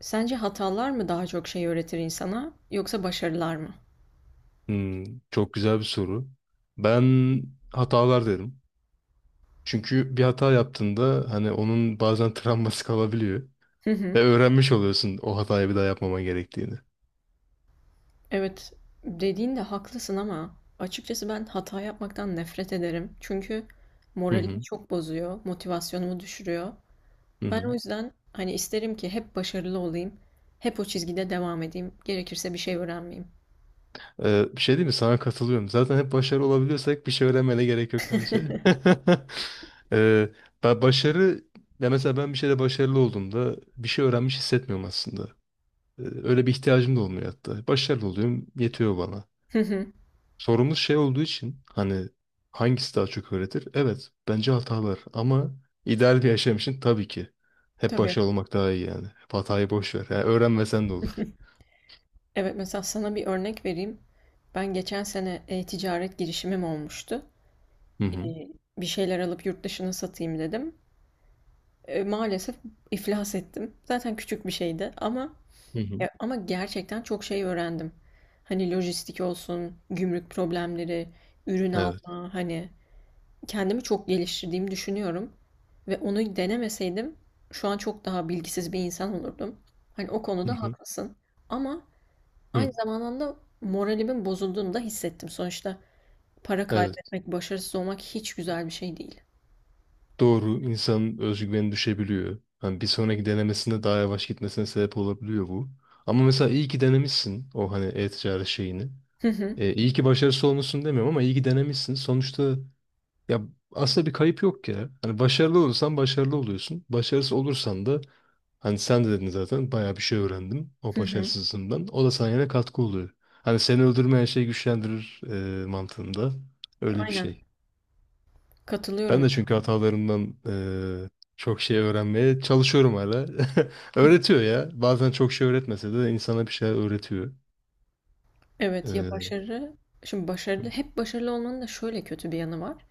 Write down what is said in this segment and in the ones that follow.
Sence hatalar mı daha çok şey öğretir insana yoksa başarılar mı? Hmm, çok güzel bir soru. Ben hatalar derim. Çünkü bir hata yaptığında hani onun bazen travması kalabiliyor. Hı hı. Ve öğrenmiş oluyorsun o hatayı bir daha yapmama gerektiğini. Evet, dediğinde haklısın ama açıkçası ben hata yapmaktan nefret ederim. Çünkü Hı moralimi hı. çok bozuyor, motivasyonumu düşürüyor. Hı Ben o hı. yüzden hani isterim ki hep başarılı olayım, hep o çizgide devam edeyim, gerekirse bir şey öğrenmeyeyim. Bir şey değil mi? Sana katılıyorum. Zaten hep başarılı olabiliyorsak bir şey öğrenmene gerek yok bence. ee, ben başarı ya mesela ben bir şeyde başarılı olduğumda bir şey öğrenmiş hissetmiyorum aslında. Öyle bir ihtiyacım da olmuyor hatta. Başarılı oluyorum, yetiyor bana. Hı hı. Sorumuz şey olduğu için hani hangisi daha çok öğretir? Evet bence hatalar ama ideal bir yaşam için tabii ki hep Tabii. başarılı olmak daha iyi yani. Hep hatayı boş ver. Yani öğrenmesen de olur. Evet mesela sana bir örnek vereyim. Ben geçen sene ticaret girişimim olmuştu. Hı E, hı. Bir şeyler alıp yurt dışına satayım dedim. Maalesef iflas ettim. Zaten küçük bir şeydi ama Hı hı. ya, ama gerçekten çok şey öğrendim. Hani lojistik olsun, gümrük problemleri, ürün Evet. alma, hani kendimi çok geliştirdiğimi düşünüyorum ve onu denemeseydim şu an çok daha bilgisiz bir insan olurdum. Hani o Hı konuda hı. haklısın. Ama aynı Hı. zamanda moralimin bozulduğunu da hissettim. Sonuçta para Evet. kaybetmek, başarısız olmak hiç güzel bir şey değil. Doğru, insanın özgüveni düşebiliyor. Hani bir sonraki denemesinde daha yavaş gitmesine sebep olabiliyor bu. Ama mesela iyi ki denemişsin o hani e-ticaret şeyini. Hı hı, İyi ki başarısız olmuşsun demiyorum ama iyi ki denemişsin. Sonuçta ya aslında bir kayıp yok ya. Hani başarılı olursan başarılı oluyorsun. Başarısız olursan da hani sen de dedin zaten bayağı bir şey öğrendim o hı hı. başarısızlığından. O da sana yine katkı oluyor. Hani seni öldürmeyen şey güçlendirir mantığında. Öyle bir Aynen. şey. Ben Katılıyorum. de çünkü hatalarımdan e, çok şey öğrenmeye çalışıyorum hala. Öğretiyor ya. Bazen çok şey öğretmese de insana bir şeyler öğretiyor. E, Evet ya hı başarı, şimdi başarılı, hep başarılı olmanın da şöyle kötü bir yanı var.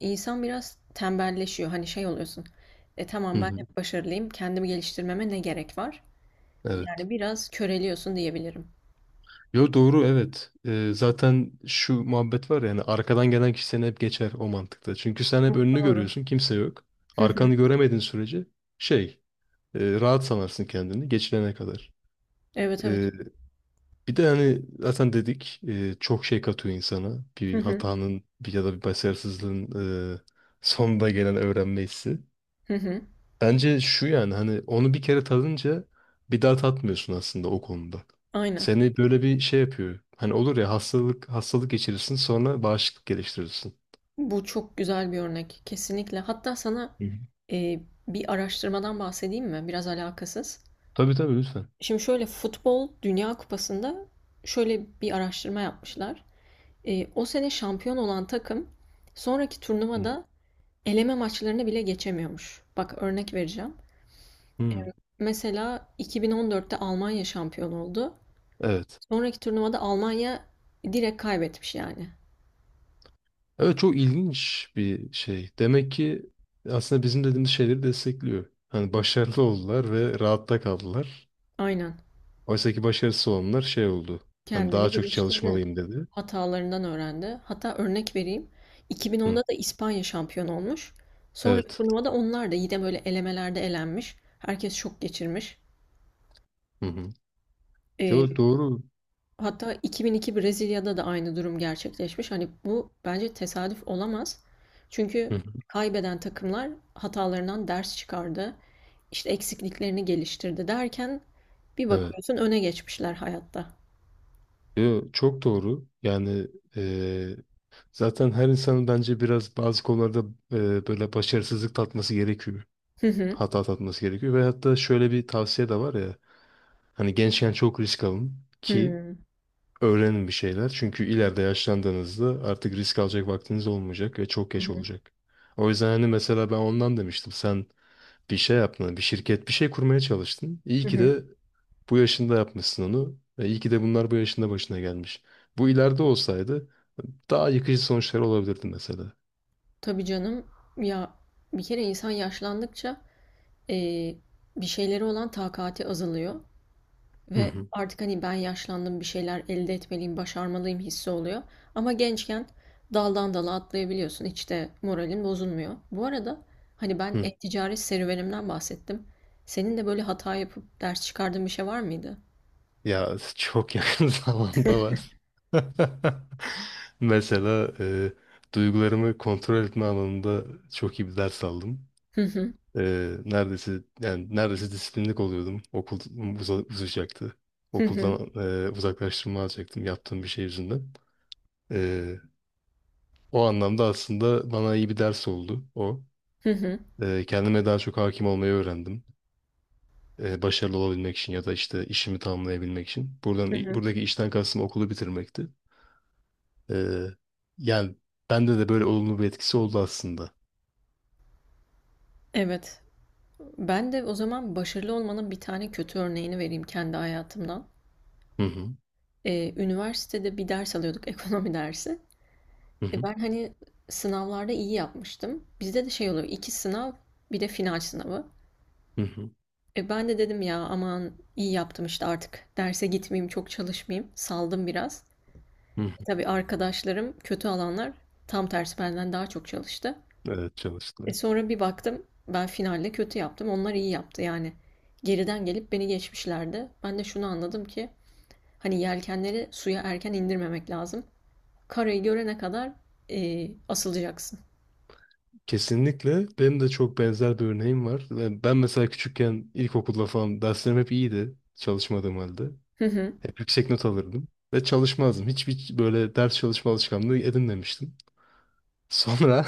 İnsan biraz tembelleşiyor. Hani şey oluyorsun. Tamam ben hı, hep başarılıyım. Kendimi geliştirmeme ne gerek var? evet. Yani biraz köreliyorsun diyebilirim. Yo, doğru evet. Zaten şu muhabbet var yani arkadan gelen kişi seni hep geçer o mantıkta. Çünkü sen hep Çok önünü doğru. görüyorsun, kimse yok. Hı hı. Arkanı göremediğin sürece şey rahat sanarsın kendini geçilene kadar. Evet, evet. Ee, Bir de hani zaten dedik çok şey katıyor insana. Hı Bir hı. hatanın bir ya da bir başarısızlığın e, sonunda gelen öğrenme hissi. Hı hı. Bence şu yani hani onu bir kere tadınca bir daha tatmıyorsun aslında o konuda. Aynen. Seni böyle bir şey yapıyor. Hani olur ya, hastalık hastalık geçirirsin sonra bağışıklık geliştirirsin. Bu çok güzel bir örnek. Kesinlikle. Hatta sana Hı hı. e, bir araştırmadan bahsedeyim mi? Biraz alakasız. Tabii tabii, lütfen. Şimdi şöyle futbol Dünya Kupası'nda şöyle bir araştırma yapmışlar. O sene şampiyon olan takım sonraki Hı. turnuvada eleme maçlarını bile geçemiyormuş. Bak örnek vereceğim. Hı. Mesela 2014'te Almanya şampiyon oldu. Evet. Sonraki turnuvada Almanya direkt kaybetmiş yani. Evet, çok ilginç bir şey. Demek ki aslında bizim dediğimiz şeyleri destekliyor. Hani başarılı oldular ve rahatta kaldılar. Aynen. Oysa ki başarısız olanlar şey oldu. Hani daha Kendini çok geliştirdi. çalışmalıyım dedi. Hatalarından öğrendi. Hatta örnek vereyim. 2010'da Hı. da İspanya şampiyon olmuş. Sonraki Evet. turnuvada onlar da yine böyle elemelerde elenmiş. Herkes şok geçirmiş. Hı hı. E, Yo, doğru. Hatta 2002 Brezilya'da da aynı durum gerçekleşmiş. Hani bu bence tesadüf olamaz. Çünkü Hı. Hı. kaybeden takımlar hatalarından ders çıkardı. İşte eksikliklerini geliştirdi derken bir Evet. bakıyorsun öne geçmişler hayatta. Yo, çok doğru. Yani eee, zaten her insanın bence biraz bazı konularda böyle başarısızlık tatması gerekiyor. Hı hı. Hata tatması gerekiyor. Ve hatta şöyle bir tavsiye de var ya. Hani gençken çok risk alın ki Hı öğrenin bir şeyler. Çünkü ileride yaşlandığınızda artık risk alacak vaktiniz olmayacak ve çok geç olacak. O yüzden hani mesela ben ondan demiştim. Sen bir şey yaptın, bir şirket, bir şey kurmaya çalıştın. İyi hı. ki Hı. de bu yaşında yapmışsın onu. Ve iyi ki de bunlar bu yaşında başına gelmiş. Bu ileride olsaydı daha yıkıcı sonuçlar olabilirdi mesela. Tabii canım, ya bir kere insan yaşlandıkça eee, bir şeyleri olan takati azalıyor. Hı Ve hı. artık hani ben yaşlandım bir şeyler elde etmeliyim, başarmalıyım hissi oluyor. Ama gençken daldan dala atlayabiliyorsun. Hiç de moralin bozulmuyor. Bu arada hani ben Hı. e-ticaret serüvenimden bahsettim. Senin de böyle hata yapıp ders çıkardığın bir şey var mıydı? Ya çok yakın zamanda var. Mesela duygularımı kontrol etme alanında çok iyi bir ders aldım. Hı hı, E, Neredeyse yani neredeyse disiplinlik oluyordum. Okul uzayacaktı. hı hı, Okuldan uzaklaştırma alacaktım yaptığım bir şey yüzünden. E, O anlamda aslında bana iyi bir ders oldu o. hı hı, Kendime daha çok hakim olmayı öğrendim. Başarılı olabilmek için ya da işte işimi tamamlayabilmek için. Buradan hı hı. buradaki işten kastım okulu bitirmekti. Ee, Yani bende de böyle olumlu bir etkisi oldu aslında. Evet. Ben de o zaman başarılı olmanın bir tane kötü örneğini vereyim kendi hayatımdan. Hı hı. Üniversitede bir ders alıyorduk, ekonomi dersi. Hı hı. Ben hani sınavlarda iyi yapmıştım. Bizde de şey oluyor, iki sınav bir de final sınavı. Hı hı. Ben de dedim ya aman iyi yaptım işte artık derse gitmeyeyim, çok çalışmayayım. Saldım biraz. Hı hı. Tabii arkadaşlarım kötü alanlar tam tersi benden daha çok çalıştı. Evet, çalıştılar. Sonra bir baktım ben finalde kötü yaptım. Onlar iyi yaptı yani. Geriden gelip beni geçmişlerdi. Ben de şunu anladım ki hani yelkenleri suya erken indirmemek lazım. Karayı görene kadar asılacaksın. Kesinlikle benim de çok benzer bir örneğim var. Ben mesela küçükken ilkokulda falan derslerim hep iyiydi çalışmadığım halde. Hı hı. Hep yüksek not alırdım ve çalışmazdım. Hiçbir böyle ders çalışma alışkanlığı edinmemiştim. Sonra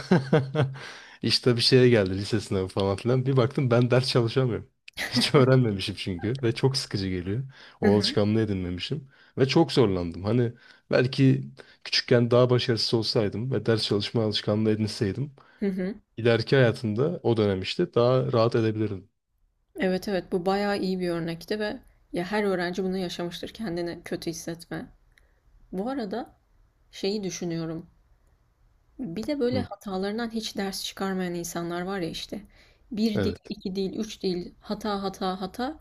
işte bir şeye geldi, lise sınavı falan filan. Bir baktım ben ders çalışamıyorum. Hiç öğrenmemişim çünkü ve çok sıkıcı geliyor. Hı O hı. alışkanlığı edinmemişim ve çok zorlandım. Hani belki küçükken daha başarısız olsaydım ve ders çalışma alışkanlığı edinseydim, Hı hı. ileriki hayatımda o dönem işte daha rahat edebilirdim. Evet, evet, bu bayağı iyi bir örnekti ve ya her öğrenci bunu yaşamıştır kendini kötü hissetme. Bu arada şeyi düşünüyorum. Bir de böyle Hı, hatalarından hiç ders çıkarmayan insanlar var ya işte. Bir değil, evet. iki değil, üç değil, hata hata hata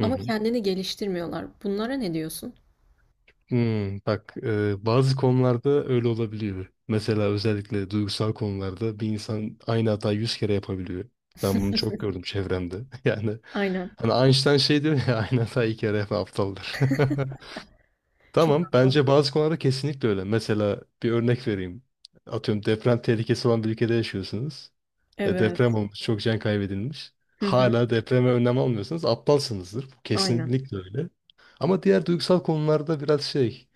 ama kendini geliştirmiyorlar. Bunlara ne diyorsun? Hmm, bak bazı konularda öyle olabiliyor. Mesela özellikle duygusal konularda bir insan aynı hatayı yüz kere yapabiliyor. Ben bunu çok gördüm çevremde. Yani Aynen. hani Einstein şey diyor ya, aynı hatayı iki kere yapan aptaldır. Çok Tamam, haklı. bence bazı konularda kesinlikle öyle. Mesela bir örnek vereyim. Atıyorum, deprem tehlikesi olan bir ülkede yaşıyorsunuz. Deprem Evet. olmuş, çok can kaybedilmiş. Hı hı. Hala depreme önlem almıyorsanız aptalsınızdır. Bu Aynen. kesinlikle öyle. Ama diğer duygusal konularda biraz şey,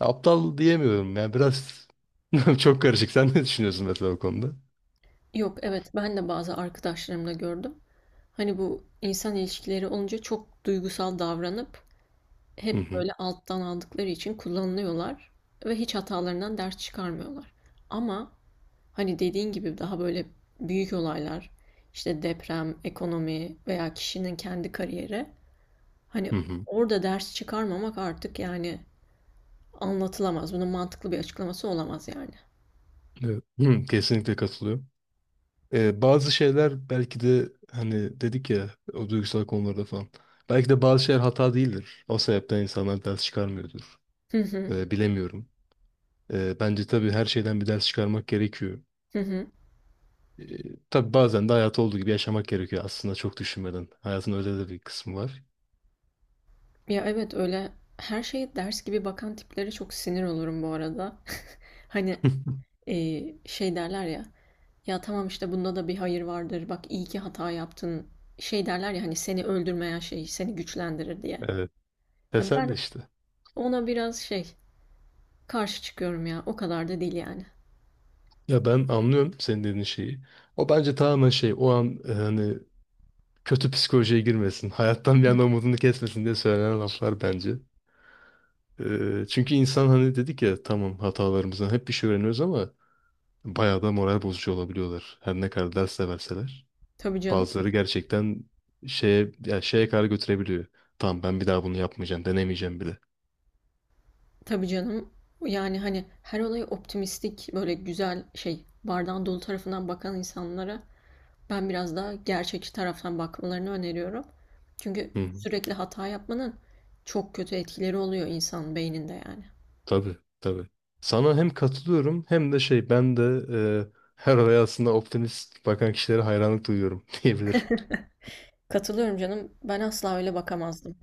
aptal diyemiyorum ya, biraz çok karışık. Sen ne düşünüyorsun mesela o konuda? Yok, evet, ben de bazı arkadaşlarımda gördüm. Hani bu insan ilişkileri olunca çok duygusal davranıp Hı hep hı. böyle alttan aldıkları için kullanılıyorlar ve hiç hatalarından ders çıkarmıyorlar. Ama hani dediğin gibi daha böyle büyük olaylar, işte deprem, ekonomi veya kişinin kendi kariyeri, hani Hı hı. orada ders çıkarmamak artık yani anlatılamaz. Bunun mantıklı bir açıklaması olamaz yani. Evet. Hı, kesinlikle katılıyorum. Bazı şeyler belki de hani dedik ya, o duygusal konularda falan. Belki de bazı şeyler hata değildir. O sebepten insanlar ders çıkarmıyordur. Hı hı, Bilemiyorum. Bence tabii her şeyden bir ders çıkarmak gerekiyor. hı hı. Ee, tabii bazen de hayatı olduğu gibi yaşamak gerekiyor aslında, çok düşünmeden. Hayatın öyle de bir kısmı var. Ya evet, öyle, her şeye ders gibi bakan tiplere çok sinir olurum bu arada. Hani e, şey derler ya. Ya tamam işte bunda da bir hayır vardır. Bak iyi ki hata yaptın. Şey derler ya hani seni öldürmeyen şey seni güçlendirir diye. Evet. Ya Teselli ben işte. ona biraz şey karşı çıkıyorum ya. O kadar da değil yani. Ya ben anlıyorum senin dediğin şeyi. O bence tamamen şey, o an hani kötü psikolojiye girmesin. Hayattan bir anda umudunu kesmesin diye söylenen laflar bence. Çünkü insan, hani dedik ya, tamam hatalarımızdan hep bir şey öğreniyoruz ama bayağı da moral bozucu olabiliyorlar. Her ne kadar ders de verseler. Tabii canım. Bazıları gerçekten şeye, ya şeye kadar götürebiliyor. Tamam, ben bir daha bunu yapmayacağım, denemeyeceğim bile. Tabii canım. Yani hani her olayı optimistik böyle güzel şey bardağın dolu tarafından bakan insanlara ben biraz daha gerçekçi taraftan bakmalarını öneriyorum. Çünkü Hı hı. sürekli hata yapmanın çok kötü etkileri oluyor insan beyninde yani. Tabii, tabii. Sana hem katılıyorum hem de şey, ben de e, her olaya aslında optimist bakan kişilere hayranlık duyuyorum diyebilirim. Katılıyorum canım. Ben asla öyle bakamazdım.